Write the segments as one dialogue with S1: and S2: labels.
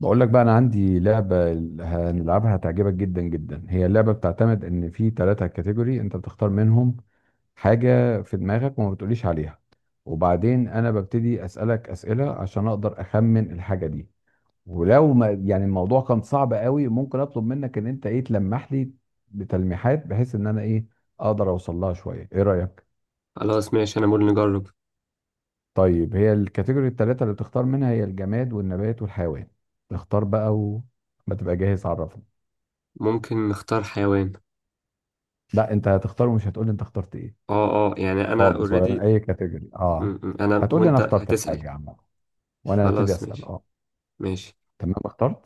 S1: بقول لك بقى، انا عندي لعبه هنلعبها هتعجبك جدا جدا. هي اللعبه بتعتمد ان في ثلاثه كاتيجوري انت بتختار منهم حاجه في دماغك وما بتقوليش عليها، وبعدين انا ببتدي اسالك اسئله عشان اقدر اخمن الحاجه دي. ولو ما يعني الموضوع كان صعب قوي، ممكن اطلب منك ان انت ايه، تلمح لي بتلميحات بحيث ان انا ايه، اقدر اوصل لها شويه. ايه رايك؟
S2: خلاص ماشي، انا بقول نجرب.
S1: طيب، هي الكاتيجوري الثلاثه اللي بتختار منها هي الجماد والنبات والحيوان. اختار بقى، وما تبقى جاهز عرفني.
S2: ممكن نختار حيوان.
S1: لا، انت هتختار ومش هتقول لي انت اخترت ايه
S2: اه اه، يعني انا
S1: خالص، ولا من
S2: اوريدي.
S1: اي كاتيجوري. اه،
S2: انا
S1: هتقول لي انا
S2: وانت
S1: اخترت
S2: هتسأل.
S1: الحاجه عامه وانا هبتدي
S2: خلاص
S1: اسال.
S2: ماشي
S1: اه،
S2: ماشي.
S1: تمام اخترت.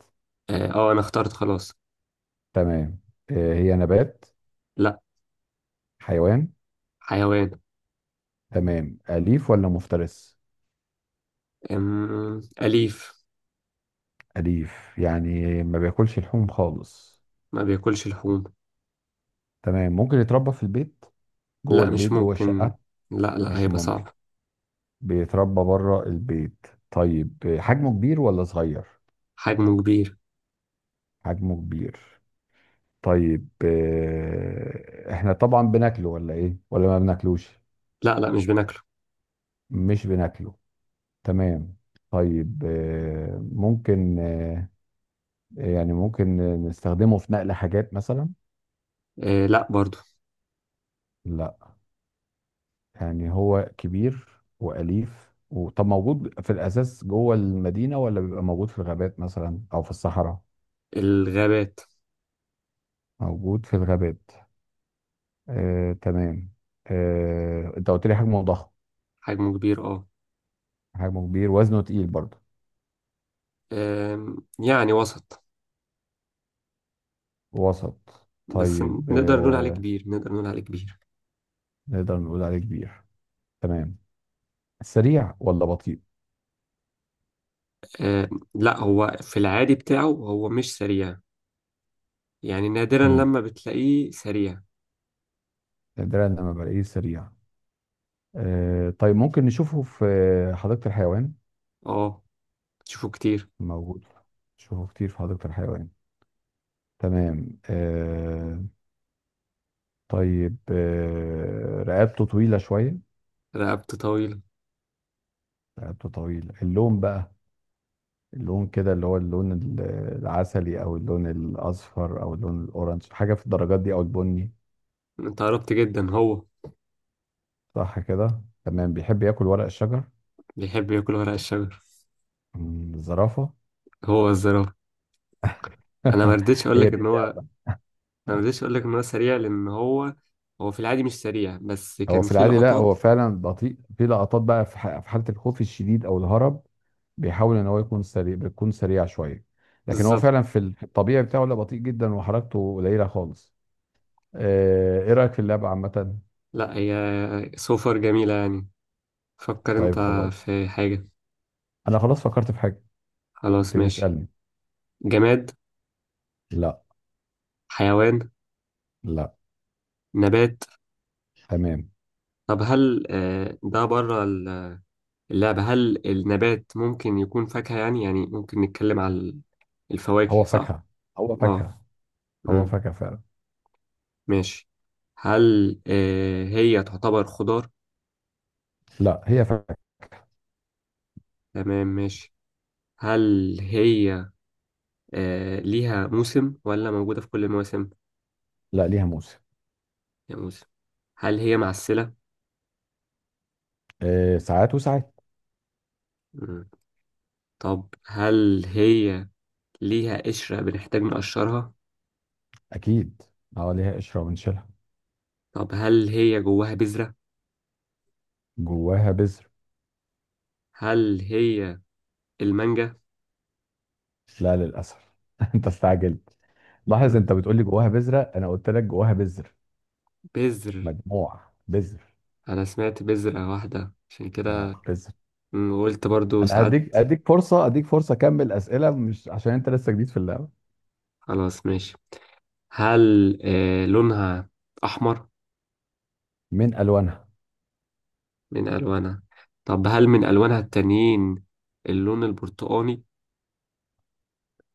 S2: اه آه، انا اخترت خلاص.
S1: تمام. آه، هي نبات؟
S2: لا.
S1: حيوان.
S2: حيوان.
S1: تمام، اليف ولا مفترس؟
S2: أليف.
S1: اليف يعني ما بياكلش لحوم خالص.
S2: ما بياكلش لحوم.
S1: تمام، ممكن يتربى في البيت؟ جوه
S2: لا مش
S1: البيت، جوه
S2: ممكن.
S1: الشقه؟
S2: لا لا،
S1: مش
S2: هيبقى
S1: ممكن.
S2: صعب.
S1: بيتربى بره البيت. طيب حجمه كبير ولا صغير؟
S2: حجمه كبير.
S1: حجمه كبير. طيب احنا طبعا بناكله ولا ايه، ولا ما بناكلوش؟
S2: لا لا مش بناكله.
S1: مش بناكله. تمام. طيب آه، ممكن آه، يعني ممكن نستخدمه في نقل حاجات مثلا؟
S2: آه، لا برضو.
S1: لا. يعني هو كبير وأليف، وطب موجود في الأساس جوه المدينة، ولا بيبقى موجود في الغابات مثلا أو في الصحراء؟
S2: الغابات.
S1: موجود في الغابات. آه، تمام. آه، انت قلت لي حجمه ضخم.
S2: حجمه كبير اه.
S1: حجمه كبير، وزنه تقيل برضه؟
S2: يعني وسط.
S1: وسط.
S2: بس
S1: طيب
S2: نقدر نقول عليه كبير.
S1: نقدر نقول عليه كبير. تمام. سريع ولا بطيء؟
S2: آه، لا، هو في العادي بتاعه هو مش سريع، يعني نادرا
S1: امم
S2: لما بتلاقيه سريع.
S1: نادرا لما بلاقيه سريع. آه طيب، ممكن نشوفه في حديقة الحيوان؟
S2: اه، تشوفه كتير.
S1: موجود. نشوفه كتير في حديقة الحيوان. تمام آه. طيب آه، رقبته طويلة شوية؟
S2: رقبته طويلة.
S1: رقبته طويلة. اللون بقى، اللون كده اللي هو اللون العسلي، او اللون الاصفر، او اللون الاورنج، حاجة في الدرجات دي، او البني.
S2: انت قربت جدا، هو
S1: صح كده، تمام. بيحب ياكل ورق الشجر.
S2: بيحب ياكل ورق الشجر.
S1: الزرافة.
S2: هو الزرافة. انا ما رضيتش اقول
S1: هي
S2: لك
S1: دي.
S2: ان هو انا ما رضيتش اقول لك ان هو سريع، لان هو هو في العادي مش سريع بس
S1: هو
S2: كان
S1: في
S2: في
S1: العادي، لا
S2: لقطات.
S1: هو فعلا بطيء. في لقطات بقى في حالة الخوف الشديد او الهرب، بيحاول ان هو يكون سريع، بيكون سريع شوية. لكن هو فعلا
S2: بالظبط.
S1: في في الطبيعي بتاعه، لا بطيء جدا، وحركته قليلة خالص. آه، ايه رأيك في اللعبة عامة؟
S2: لا، هي سوفر جميلة يعني. فكر انت
S1: طيب خلاص،
S2: في حاجة.
S1: انا خلاص فكرت في حاجة.
S2: خلاص
S1: ابتدي
S2: ماشي.
S1: اسألني.
S2: جماد.
S1: لا.
S2: حيوان.
S1: لا.
S2: نبات.
S1: تمام.
S2: طب، هل ده بره اللعبة؟ هل النبات ممكن يكون فاكهة؟ يعني ممكن نتكلم على
S1: هو
S2: الفواكه، صح؟
S1: فاكهة. هو
S2: اه.
S1: فاكهة. هو
S2: امم.
S1: فاكهة فعلا.
S2: ماشي. هل هي تعتبر خضار؟
S1: لا، هي فاكهة.
S2: تمام ماشي. هل هي ليها موسم ولا موجودة في كل المواسم؟
S1: لا، ليها موسم.
S2: يا موسم. هل هي معسلة؟
S1: آه، ساعات وساعات.
S2: مم. طب هل هي ليها قشرة بنحتاج نقشرها؟
S1: اكيد، اه ليها قشرة ونشيلها.
S2: طب هل هي جواها بذرة؟
S1: جواها بذر.
S2: هل هي المانجا؟
S1: لا للاسف. انت استعجلت. لاحظ،
S2: مم.
S1: انت بتقول لي جواها بذره، انا قلت لك جواها بذر.
S2: بذر.
S1: مجموع، بذر.
S2: انا سمعت بذرة واحدة عشان
S1: آه،
S2: كده.
S1: بذر.
S2: قلت برضو
S1: انا
S2: ساعات.
S1: هديك اديك فرصه اديك فرصه اكمل اسئله، مش عشان انت لسه جديد في اللعبه.
S2: خلاص ماشي. هل لونها احمر؟
S1: من الوانها.
S2: من الوانها. طب، هل من الوانها التانيين اللون البرتقاني؟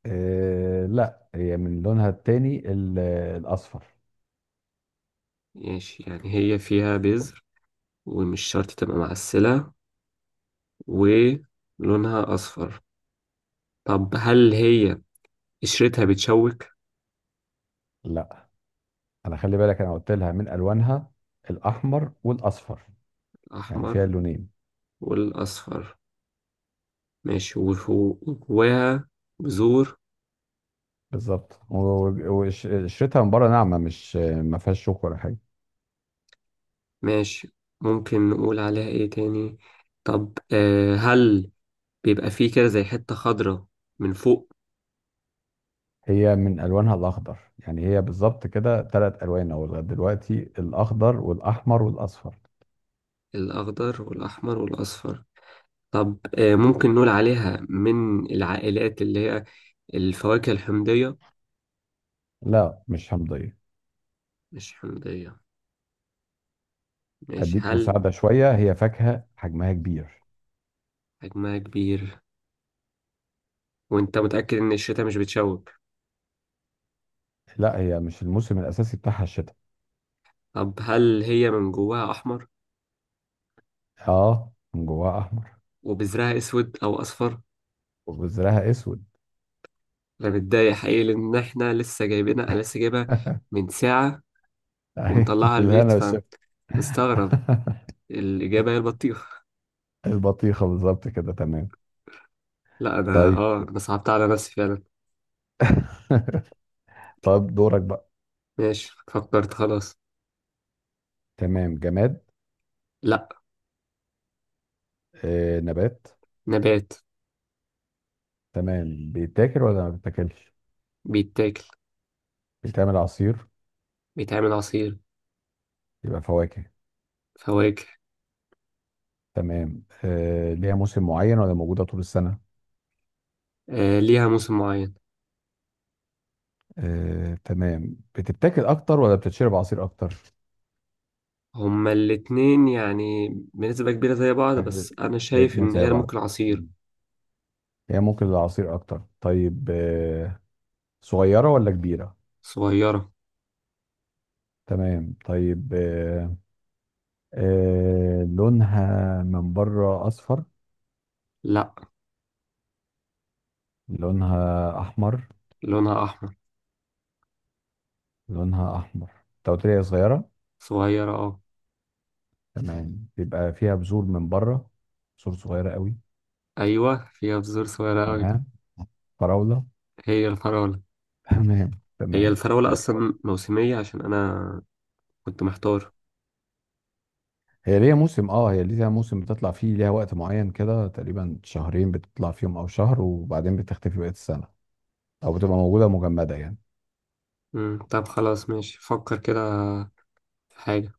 S1: إيه لا، هي من لونها التاني الاصفر.
S2: ماشي، يعني هي فيها بذر ومش شرط تبقى معسلة ولونها اصفر. طب، هل هي قشرتها بتشوك؟
S1: لا، انا خلي بالك، انا قلت لها من الوانها الاحمر والاصفر، يعني فيها
S2: الاحمر
S1: اللونين.
S2: والاصفر. ماشي، وجواها بذور.
S1: بالظبط. وقشرتها من بره ناعمه، مش ما فيهاش شوك ولا حاجه.
S2: ماشي، ممكن نقول عليها ايه تاني. طب هل بيبقى فيه كده زي حتة خضراء من فوق؟
S1: هي من الوانها الاخضر، يعني هي بالظبط كده ثلاث الوان او لغايه دلوقتي: الاخضر والاحمر والاصفر.
S2: الأخضر والأحمر والأصفر. طب ممكن نقول عليها من العائلات اللي هي الفواكه الحمضية؟
S1: لا مش همضيه.
S2: مش حمضية. ماشي.
S1: اديك
S2: هل
S1: مساعده شويه، هي فاكهه حجمها كبير.
S2: حجمها كبير؟ وانت متأكد ان الشتاء مش بتشوك؟
S1: لا، هي مش الموسم الاساسي بتاعها الشتاء.
S2: طب، هل هي من جواها أحمر
S1: اه، من جواها احمر.
S2: وبذرها أسود أو أصفر؟
S1: وبذرها اسود.
S2: أنا متضايق حقيقي لأن احنا لسه جايبينها، أنا لسه جايبها من ساعة
S1: ايوه،
S2: ومطلعها
S1: بالهنا
S2: البيت.
S1: والشفا.
S2: مستغرب. الإجابة هي البطيخ.
S1: البطيخه بالظبط كده، تمام.
S2: لا،
S1: طيب.
S2: أنا صعبت على نفسي فعلا.
S1: طب دورك بقى.
S2: ماشي، فكرت خلاص.
S1: تمام. جماد؟
S2: لا.
S1: آه نبات؟
S2: نبات.
S1: تمام. بيتاكل ولا ما بيتاكلش؟
S2: بيتاكل.
S1: بيتعمل عصير.
S2: بيتعمل عصير.
S1: يبقى فواكه.
S2: فواكه.
S1: تمام، آه ليها موسم معين ولا موجودة طول السنة؟
S2: ليها موسم معين.
S1: آه تمام. بتتاكل أكتر ولا بتتشرب عصير أكتر؟
S2: هما الاتنين يعني بنسبة كبيرة زي بعض،
S1: آه،
S2: بس أنا شايف
S1: الاتنين
S2: إن
S1: زي
S2: هي
S1: بعض.
S2: ممكن عصير.
S1: مم. هي ممكن العصير أكتر. طيب آه، صغيرة ولا كبيرة؟
S2: صغيرة.
S1: تمام. طيب آه، آه لونها من بره أصفر؟
S2: لا،
S1: لونها أحمر.
S2: لونها أحمر.
S1: لونها أحمر. أنت قلت لي هي صغيرة.
S2: صغيرة آه.
S1: تمام، بيبقى فيها بذور من بره، بذور صغيرة قوي؟
S2: أيوة، فيها بذور صغيرة أوي.
S1: تمام. فراولة.
S2: هي الفراولة.
S1: تمام،
S2: هي
S1: تمام.
S2: الفراولة أصلا موسمية عشان أنا كنت محتار.
S1: هي ليها موسم، اه هي ليها موسم بتطلع فيه، ليها وقت معين كده، تقريبا شهرين بتطلع فيهم او شهر، وبعدين بتختفي بقية السنة، او بتبقى موجودة مجمدة يعني.
S2: طب خلاص ماشي، فكر كده حاجة.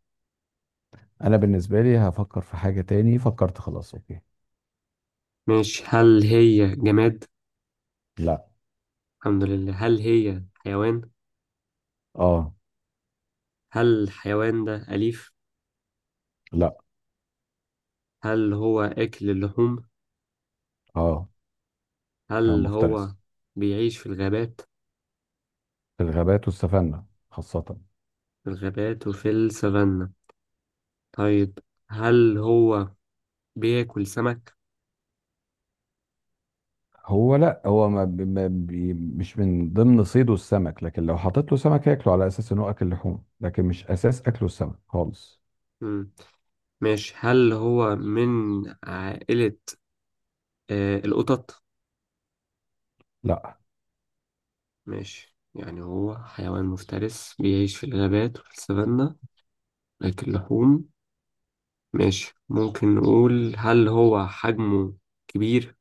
S1: انا بالنسبة لي هفكر في حاجة تاني. فكرت خلاص، اوكي.
S2: ماشي، هل هي جماد؟
S1: لا.
S2: الحمد لله. هل هي حيوان؟
S1: اه.
S2: هل الحيوان ده أليف؟
S1: لا.
S2: هل هو أكل اللحوم؟
S1: اه، انا
S2: هل هو
S1: مفترس.
S2: بيعيش في الغابات؟
S1: في الغابات والسفنة خاصة.
S2: في الغابات وفي السفانة. طيب، هل هو بياكل سمك؟
S1: هو لا، هو ما بي ما بي مش من ضمن صيده السمك، لكن لو حطيت له سمك هياكله على اساس انه اكل لحوم، لكن مش اساس اكله السمك خالص.
S2: مم. ماشي، هل هو من عائلة القطط؟
S1: لا.
S2: ماشي، يعني هو حيوان مفترس بيعيش في الغابات وفي السفانة، بياكل لحوم. ماشي، ممكن نقول هل هو حجمه كبير؟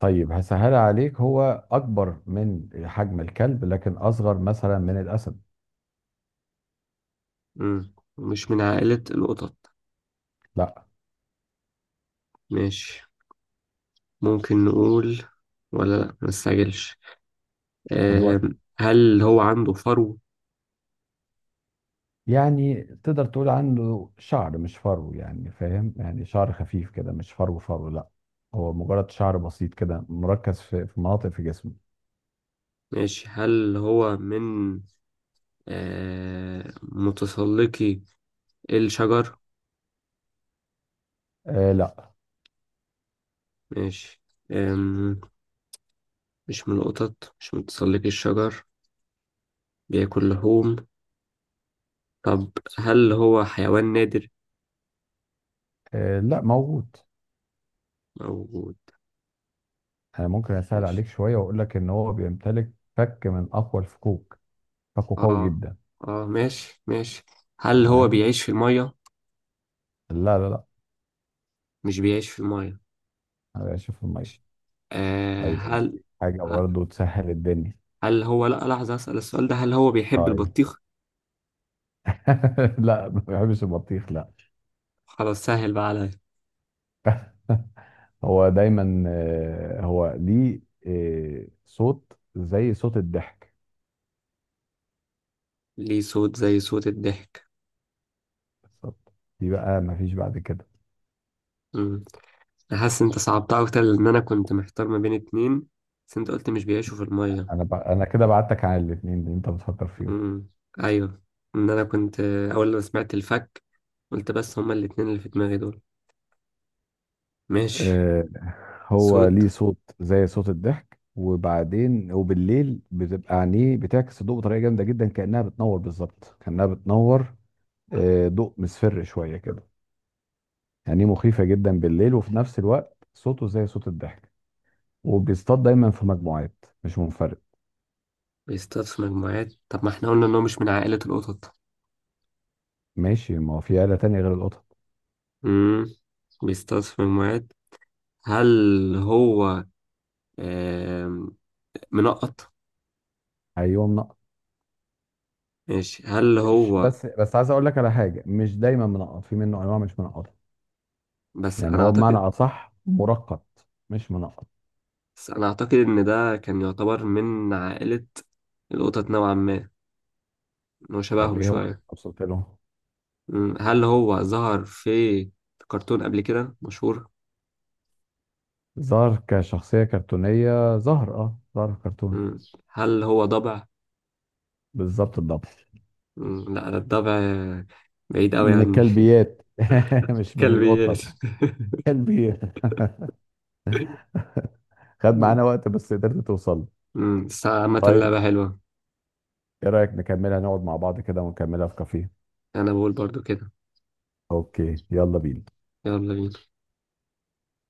S1: طيب، هسهل عليك، هو أكبر من حجم الكلب لكن أصغر مثلا من الأسد.
S2: مم. مش من عائلة القطط.
S1: لا.
S2: ماشي، ممكن نقول، ولا لا، مستعجلش.
S1: خد وقتك.
S2: هل هو عنده فرو؟
S1: يعني تقدر تقول عنه شعر مش فرو، يعني فاهم يعني شعر خفيف كده، مش فرو فرو، لا. هو مجرد شعر بسيط كده مركز في مناطق في جسمه.
S2: ماشي، هل هو من متسلقي الشجر؟
S1: آه لا.
S2: ماشي. آم، مش من القطط، مش من متسلقي الشجر، بياكل لحوم. طب، هل هو حيوان نادر؟
S1: آه لا، موجود.
S2: موجود.
S1: أنا ممكن أسهل
S2: ماشي
S1: عليك شوية وأقول لك إن هو بيمتلك فك من أقوى الفكوك، فكه قوي
S2: اه
S1: جدا.
S2: اه، ماشي ماشي. هل هو
S1: تمام.
S2: بيعيش في المية؟
S1: لا لا لا.
S2: مش بيعيش في المية.
S1: أنا شوف المية.
S2: آه
S1: طيب
S2: هل
S1: أديك حاجة
S2: ه-
S1: برضه تسهل الدنيا.
S2: هل هو، لا لحظة، أسأل السؤال ده، هل هو بيحب
S1: طيب.
S2: البطيخ؟
S1: لا، ما بحبش البطيخ، لا.
S2: خلاص سهل بقى عليا.
S1: هو دايما آه، هو ليه آه، صوت زي صوت الضحك.
S2: ليه صوت زي صوت الضحك.
S1: بالظبط. دي بقى ما فيش بعد كده.
S2: مم. أنا حاسس أنت صعبتها أكتر لأن أنا كنت محتار ما بين اتنين، بس أنت قلت مش بيعيشوا في المية.
S1: انا كده بعدتك عن الاثنين اللي انت بتفكر فيهم.
S2: مم. أيوه، إن أنا كنت أول ما سمعت الفك قلت بس هما الاتنين اللي في دماغي دول. ماشي.
S1: آه، هو
S2: صوت.
S1: ليه صوت زي صوت الضحك، وبعدين وبالليل بتبقى عينيه بتعكس الضوء بطريقه جامده جدا، كانها بتنور، بالظبط كانها بتنور. آه، ضوء مصفر شويه كده، يعني مخيفه جدا بالليل، وفي نفس الوقت صوته زي صوت الضحك. وبيصطاد دايما في مجموعات مش منفرد.
S2: بيصطاد في مجموعات. طب، ما احنا قلنا ان هو مش من عائلة القطط؟
S1: ماشي، ما هو في آلة تانية غير القطط.
S2: امم بيصطاد في مجموعات. هل هو آم، منقط؟
S1: ايوه منقط.
S2: ماشي، هل
S1: مش
S2: هو،
S1: بس عايز اقول لك على حاجة، مش دايما منقط، في منه انواع مش منقطة،
S2: بس
S1: يعني
S2: انا
S1: هو بمعنى
S2: اعتقد
S1: اصح مرقط مش منقط.
S2: بس انا اعتقد ان ده كان يعتبر من عائلة القطط نوعا ما، ان هو
S1: طب
S2: شبههم
S1: ايه هو اللي
S2: شوية.
S1: وصلت له؟
S2: مم. هل هو ظهر في كرتون قبل كده مشهور؟
S1: ظهر كشخصية كرتونية، ظهر، اه ظهر في كرتون.
S2: مم. هل هو ضبع؟
S1: بالظبط الضبط.
S2: مم. لا، ده الضبع بعيد قوي
S1: من
S2: عني.
S1: الكلبيات. مش من
S2: كلبيات.
S1: القطط. كلبيات. خد
S2: مم.
S1: معانا وقت، بس قدرت توصل.
S2: مم. بس عامة
S1: طيب،
S2: لعبة حلوة.
S1: ايه رأيك نكملها، نقعد مع بعض كده ونكملها في كافيه؟
S2: انا بقول برضو كده.
S1: اوكي، يلا بينا.
S2: يلا بينا.